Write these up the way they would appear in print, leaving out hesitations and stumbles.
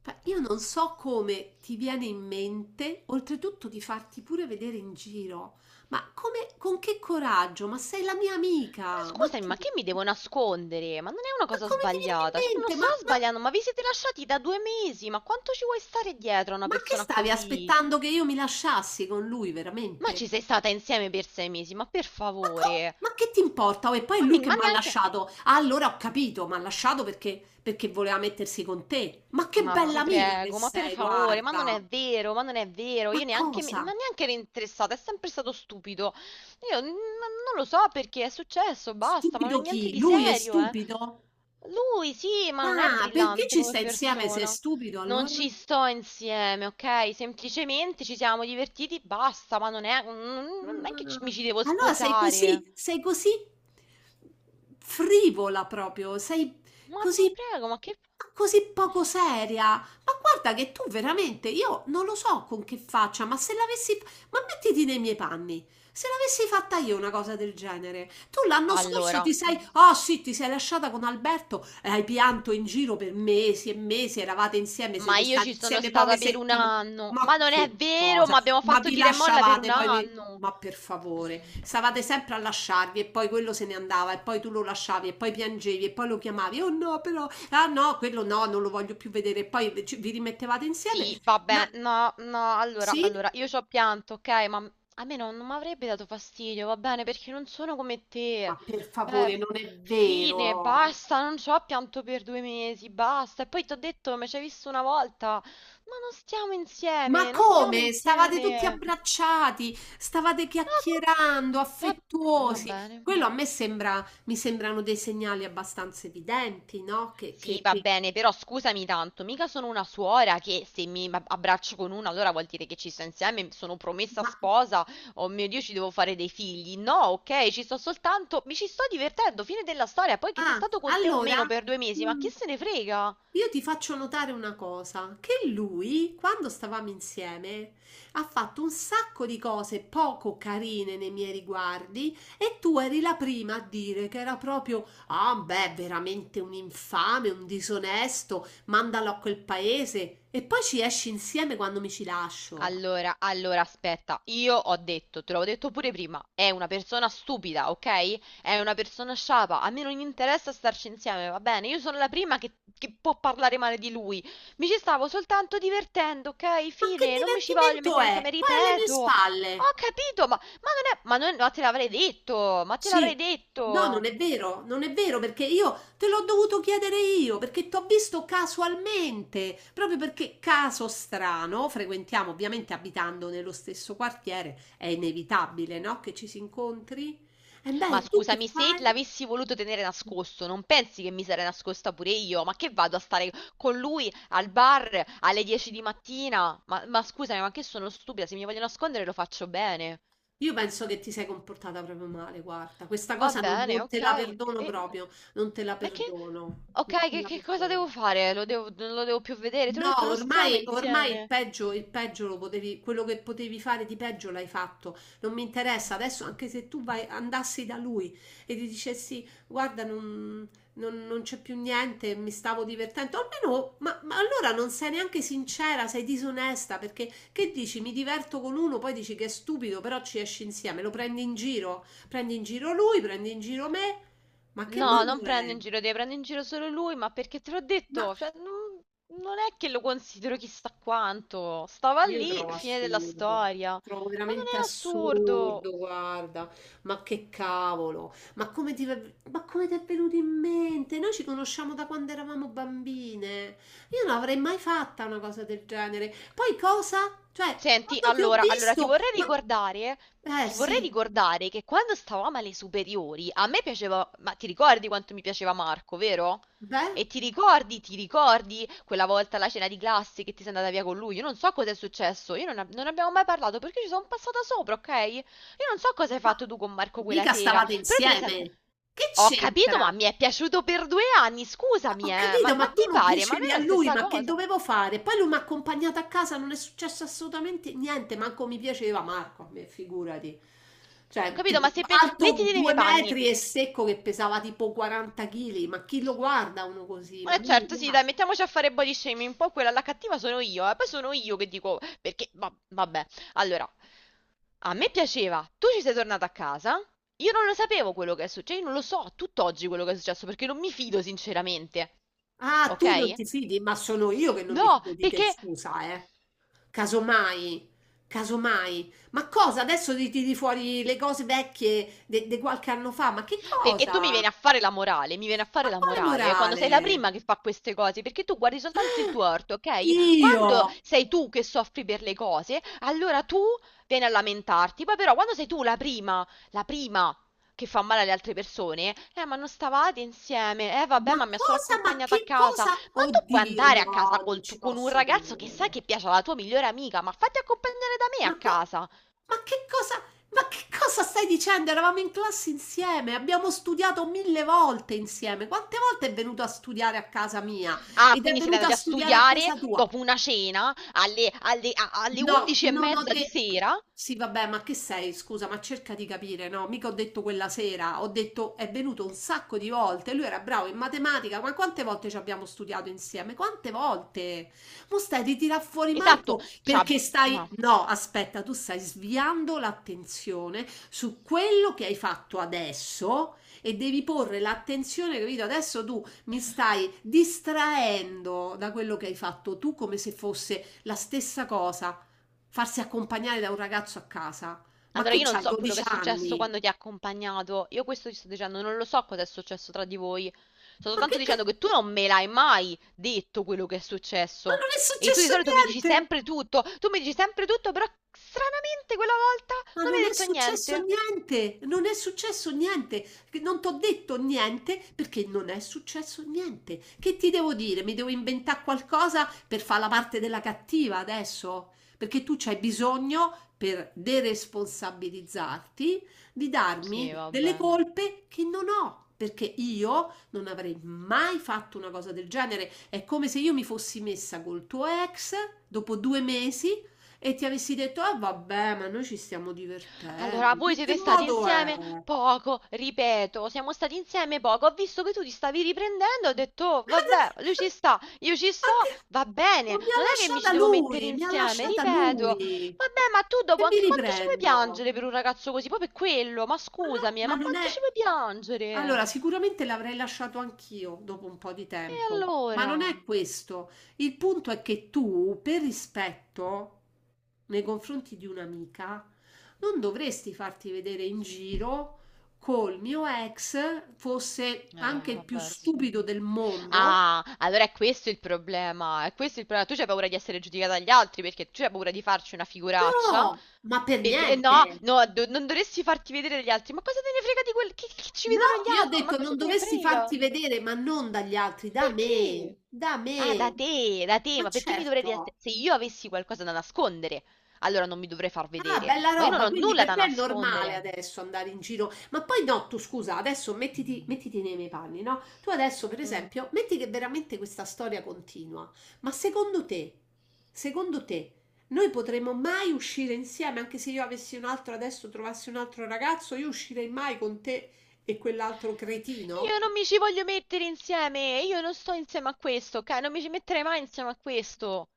Io non so come ti viene in mente, oltretutto di farti pure vedere in giro, ma come, con che coraggio? Ma sei la mia Ma amica, scusami, ma che mi devo nascondere? Ma non è una ma cosa come ti viene in sbagliata. Cioè, non mente? Sto sbagliando, ma vi siete lasciati da 2 mesi. Ma quanto ci vuoi stare dietro a una Ma che persona stavi così? aspettando che io mi lasciassi con lui, Ma ci veramente? sei stata insieme per 6 mesi, ma per favore. Ma che ti importa? Oh, e poi è Ma, lui mi- che ma mi ha neanche. lasciato. Ah, allora ho capito, mi ha lasciato perché voleva mettersi con te. Ma che Ma bella ti amica che prego, ma per sei, favore, ma non guarda. è vero, ma non è vero, Ma io neanche, cosa? ma neanche ero interessata, è sempre stato stupido. Io non lo so perché è successo, basta, ma non è Stupido niente chi? di Lui è serio, eh. stupido? Lui sì, ma non è Ah, perché brillante ci come sta insieme se è persona. stupido Non allora? ci sto insieme, ok? Semplicemente ci siamo divertiti, basta, ma non è, non è che mi ci devo Ah, allora sei sposare. così sei così frivola proprio, sei Ma ti così prego, ma che... così poco seria. Ma guarda che tu veramente, io non lo so con che faccia, ma se l'avessi, ma mettiti nei miei panni. Se l'avessi fatta io una cosa del genere, tu l'anno scorso ti Allora... sei, oh sì, ti sei lasciata con Alberto e hai pianto in giro per mesi e mesi, eravate insieme, Ma siete io stati ci sono insieme poche stata per un settimane. anno. Ma Ma non è che vero, cosa? ma abbiamo Ma fatto vi tira e molla per un lasciavate, poi vi... anno. Ma per favore, stavate sempre a lasciarvi e poi quello se ne andava e poi tu lo lasciavi e poi piangevi e poi lo chiamavi, oh no, però, ah no, quello no, non lo voglio più vedere e poi vi rimettevate insieme. Sì, Ma vabbè, no, no, allora, sì? allora, io ci ho pianto, ok, ma a me non mi avrebbe dato fastidio, va bene, perché non sono come te. Ma per Eh, favore, non è fine, vero. basta, non ci ho pianto per 2 mesi, basta. E poi ti ho detto, mi ci hai visto una volta, ma non stiamo Ma insieme, non stiamo come? Stavate tutti insieme. abbracciati, stavate Ah, chiacchierando, va va affettuosi. bene. Quello a me sembra, mi sembrano dei segnali abbastanza evidenti, no? Sì, va bene, però scusami tanto, mica sono una suora che se mi abbraccio con una allora vuol dire che ci sto insieme, sono promessa che... sposa, oh mio Dio, ci devo fare dei figli. No, ok, ci sto soltanto, mi ci sto divertendo, fine della storia, poi che sia Ah, stato con te o allora, meno per 2 mesi, ma chi mhmm, se ne frega? io ti faccio notare una cosa, che lui, quando stavamo insieme, ha fatto un sacco di cose poco carine nei miei riguardi e tu eri la prima a dire che era proprio, ah, beh, veramente un infame, un disonesto, mandalo a quel paese e poi ci esci insieme quando mi ci lascio. Allora, allora, aspetta, io ho detto, te l'ho detto pure prima, è una persona stupida, ok? È una persona sciapa, a me non interessa starci insieme, va bene? Io sono la prima che, può parlare male di lui. Mi ci stavo soltanto divertendo, ok? Ma che Fine, non mi ci voglio divertimento mettere è? insieme, Poi alle mie ripeto. spalle. Ho capito, ma non è... Ma non, ma te l'avrei detto, ma te Sì, l'avrei no, detto. non è vero, non è vero perché io te l'ho dovuto chiedere io perché ti ho visto casualmente, proprio perché caso strano, frequentiamo ovviamente abitando nello stesso quartiere, è inevitabile, no? Che ci si incontri. E beh, Ma e tu che scusami, se fai? l'avessi voluto tenere nascosto, non pensi che mi sarei nascosta pure io? Ma che vado a stare con lui al bar alle 10 di mattina? Ma scusami, ma che sono stupida, se mi voglio nascondere lo faccio bene. Io penso che ti sei comportata proprio male, guarda, questa Va cosa bene, non te ok. la perdono E... proprio, non te la Ma che... perdono, non Ok, te che, la che cosa perdono. devo fare? Lo devo, non lo devo più vedere? Te l'ho No, detto, non stiamo ormai, ormai insieme. Il peggio lo potevi, quello che potevi fare di peggio l'hai fatto. Non mi interessa adesso, anche se tu vai, andassi da lui e gli dicessi: guarda, non c'è più niente, mi stavo divertendo. Almeno, ma allora non sei neanche sincera, sei disonesta perché che dici? Mi diverto con uno, poi dici che è stupido, però ci esci insieme, lo prendi in giro lui, prendi in giro me. Ma che No, modo non prendo è? in giro te, prendo in giro solo lui, ma perché te l'ho detto, cioè, non è che lo considero chissà quanto. Stava Io lì, trovo fine della assurdo, storia. trovo Ma non veramente è assurdo. assurdo, guarda, ma che cavolo, ma come ti è venuto in mente? Noi ci conosciamo da quando eravamo bambine, io non avrei mai fatta una cosa del genere. Poi cosa? Cioè, Senti, quando ti ho allora, allora visto, ma... Eh ti vorrei sì, ricordare che quando stavamo alle superiori, a me piaceva, ma ti ricordi quanto mi piaceva Marco, vero? beh, E ti ricordi quella volta alla cena di classe che ti sei andata via con lui? Io non so cosa è successo, io non, non abbiamo mai parlato perché ci sono passata sopra, ok? Io non so cosa hai ma fatto tu con Marco quella mica sera, stavate però te ne sei and- insieme, che Ho capito, ma c'entra? mi è piaciuto per 2 anni, Ma scusami, ho ma, capito, ma ma tu ti non pare, ma non piacevi è a la lui, stessa ma che cosa? dovevo fare? Poi lui mi ha accompagnato a casa, non è successo assolutamente niente, manco mi piaceva Marco, a me, figurati. Cioè, t- Capito? Ma se per... Alto Mettiti nei miei due panni. metri e secco che pesava tipo 40 kg, ma chi lo guarda uno così? Ma Eh non mi certo, sì, piace. dai, mettiamoci a fare body shaming. Poi quella la cattiva sono io, eh. Poi sono io che dico perché vabbè. Allora, a me piaceva. Tu ci sei tornata a casa? Io non lo sapevo quello che è successo, io non lo so tutt'oggi quello che è successo perché non mi fido sinceramente. Ah, tu non Ok? ti fidi, ma sono io che non mi No, fido di te, perché scusa, eh. Casomai, casomai. Ma cosa? Adesso ti tiri fuori le cose vecchie di qualche anno fa, ma che perché tu mi cosa? vieni a fare la morale, mi vieni a fare Ma la quale morale quando sei la morale? prima che fa queste cose, perché tu guardi soltanto il Ah, tuo orto, ok? Quando Dio! sei tu che soffri per le cose, allora tu vieni a lamentarti, poi però quando sei tu la prima che fa male alle altre persone, ma non stavate insieme, eh vabbè Ma ma mi ha solo cosa? Ma accompagnata a che casa, cosa? ma tu puoi Oddio, andare a casa no, non col ci con un posso ragazzo che sai credere. che piace alla tua migliore amica, ma fatti accompagnare da me a Ma, co- casa. ma che cosa? Ma che cosa stai dicendo? Eravamo in classe insieme, abbiamo studiato mille volte insieme. Quante volte è venuto a studiare a casa mia? Ah, Ed è quindi siete venuto a andati a studiare a studiare casa tua? dopo una cena alle No, 11 e non ho mezza di detto. sera? Sì, vabbè, ma che sei? Scusa, ma cerca di capire, no? Mica ho detto quella sera, ho detto è venuto un sacco di volte. Lui era bravo in matematica, ma quante volte ci abbiamo studiato insieme? Quante volte? Mo stai di tirar fuori Esatto, Marco c'ha- perché stai. no. No, aspetta, tu stai sviando l'attenzione su quello che hai fatto adesso e devi porre l'attenzione, capito? Adesso tu mi stai distraendo da quello che hai fatto tu come se fosse la stessa cosa farsi accompagnare da un ragazzo a casa. Ma Allora che io non c'hai, so quello che 12 è successo anni? quando ti ha accompagnato. Io questo ti sto dicendo, non lo so cosa è successo tra di voi. Sto Ma soltanto che, che- dicendo che tu non me l'hai mai detto quello che è ma successo. non è E tu di successo solito mi dici niente! sempre tutto. Tu mi dici sempre tutto, però stranamente quella volta Ma non mi non hai è detto successo niente. niente, non è successo niente, che non t'ho detto niente perché non è successo niente. Che ti devo dire? Mi devo inventare qualcosa per fare la parte della cattiva adesso? Perché tu c'hai bisogno, per deresponsabilizzarti, di Sì, darmi delle vabbè. colpe che non ho. Perché io non avrei mai fatto una cosa del genere. È come se io mi fossi messa col tuo ex dopo due mesi e ti avessi detto: "Ah vabbè, ma noi ci stiamo divertendo". Allora, voi In che siete stati modo è? insieme poco, ripeto, siamo stati insieme poco. Ho visto che tu ti stavi riprendendo, ho detto, "Oh, vabbè, lui ci sta, io ci Ma sto, che va ma bene. mi ha Non è che mi ci lasciata devo mettere lui, mi ha insieme, lasciata ripeto. lui. Vabbè, ma tu dopo Che mi anche quanto ci vuoi riprendo? piangere per un ragazzo così? Poi per quello, ma Ma no scusami, ma ma non quanto ci è vuoi piangere? Allora, sicuramente l'avrei lasciato anch'io dopo un po' di E tempo, ma allora? non è questo. Il punto è che tu, per rispetto nei confronti di un'amica, non dovresti farti vedere in giro col mio ex fosse anche il più Vabbè, sì. stupido del mondo. Ah, allora è questo il problema. È questo il problema. Tu c'hai paura di essere giudicata dagli altri perché tu c'hai paura di farci una No, figuraccia. ma per Perché eh niente. no, no, non dovresti farti vedere dagli altri. Ma cosa te ne frega di quel che, ci No, vedono gli io ho altri? Ma detto cosa non te ne dovresti frega? farti vedere, ma non dagli altri, da Perché? me, da Ah, me. Da te, Ma ma perché mi dovrei... certo. Se io avessi qualcosa da nascondere, allora non mi dovrei far Ah, vedere. bella Ma io non roba, ho quindi nulla per da te è normale nascondere. adesso andare in giro, ma poi no, tu scusa, adesso mettiti, mettiti nei miei panni, no? Tu adesso, per Mm. esempio, metti che veramente questa storia continua, ma secondo te, noi potremmo mai uscire insieme, anche se io avessi un altro adesso, trovassi un altro ragazzo, io uscirei mai con te e quell'altro cretino? Io non mi ci voglio mettere insieme, io non sto insieme a questo, ok? Non mi ci metterei mai insieme a questo.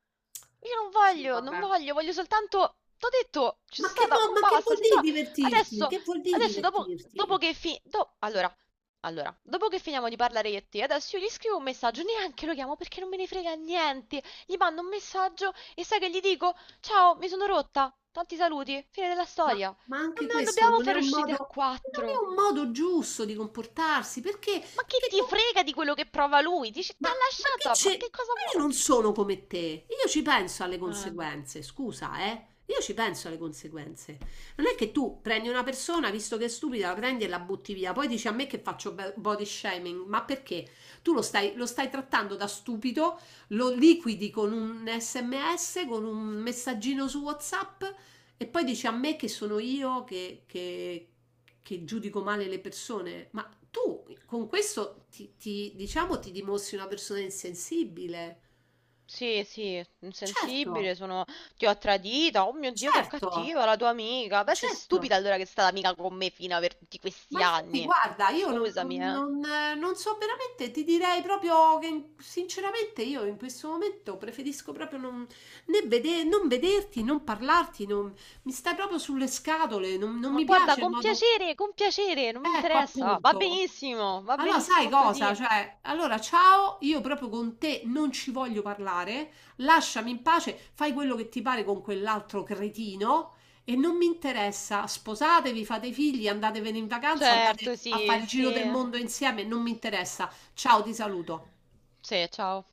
Io non Sì, voglio, non vabbè. voglio, voglio soltanto... T'ho detto, ci sono stata, mo Ma che basta, vuol se tu... dire divertirti? Adesso, Che vuol dire adesso dopo, divertirti? dopo che allora, dopo che finiamo di parlare io e te, adesso io gli scrivo un messaggio, neanche lo chiamo perché non me ne frega niente. Gli mando un messaggio e sai che gli dico? Ciao, mi sono rotta, tanti saluti, fine della Ma, storia. ma Non, anche non questo dobbiamo non è fare un uscite modo, a non quattro. è un modo giusto di comportarsi, perché, Ma che perché ti tu, frega di quello che prova lui? Dici, ti ma, ha ma che lasciato, ma c'è? che cosa Ma io vuoi? non sono come te, io ci penso alle Eh. conseguenze, scusa, eh? Io ci penso alle conseguenze. Non è che tu prendi una persona, visto che è stupida, la prendi e la butti via, poi dici a me che faccio body shaming, ma perché? Tu lo stai trattando da stupido, lo liquidi con un SMS, con un messaggino su WhatsApp e poi dice a me che sono io che giudico male le persone, ma tu con questo diciamo ti dimostri una persona insensibile. Sì, sì, Certo, insensibile, sono... ti ho tradita, oh mio Dio, che certo, cattiva la tua amica. Beh, sei certo. stupida allora che è stata amica con me fino a per tutti Ma questi infatti, anni. guarda, io non, Scusami, non- eh. non, eh, non so veramente, ti direi proprio che sinceramente io in questo momento preferisco proprio non, né vede- non vederti, non parlarti, non- mi stai proprio sulle scatole, non, non Ma mi guarda, piace il modo... con piacere, non mi Ecco, interessa. Appunto. Va Allora, sai benissimo così. cosa? Cioè, allora, ciao, io proprio con te non ci voglio parlare, lasciami in pace, fai quello che ti pare con quell'altro cretino e non mi interessa. Sposatevi, fate figli, andatevene in vacanza, andate Certo, a sì, fare il giro del sì. mondo insieme, non mi interessa. Ciao, ti saluto. Sì, ciao.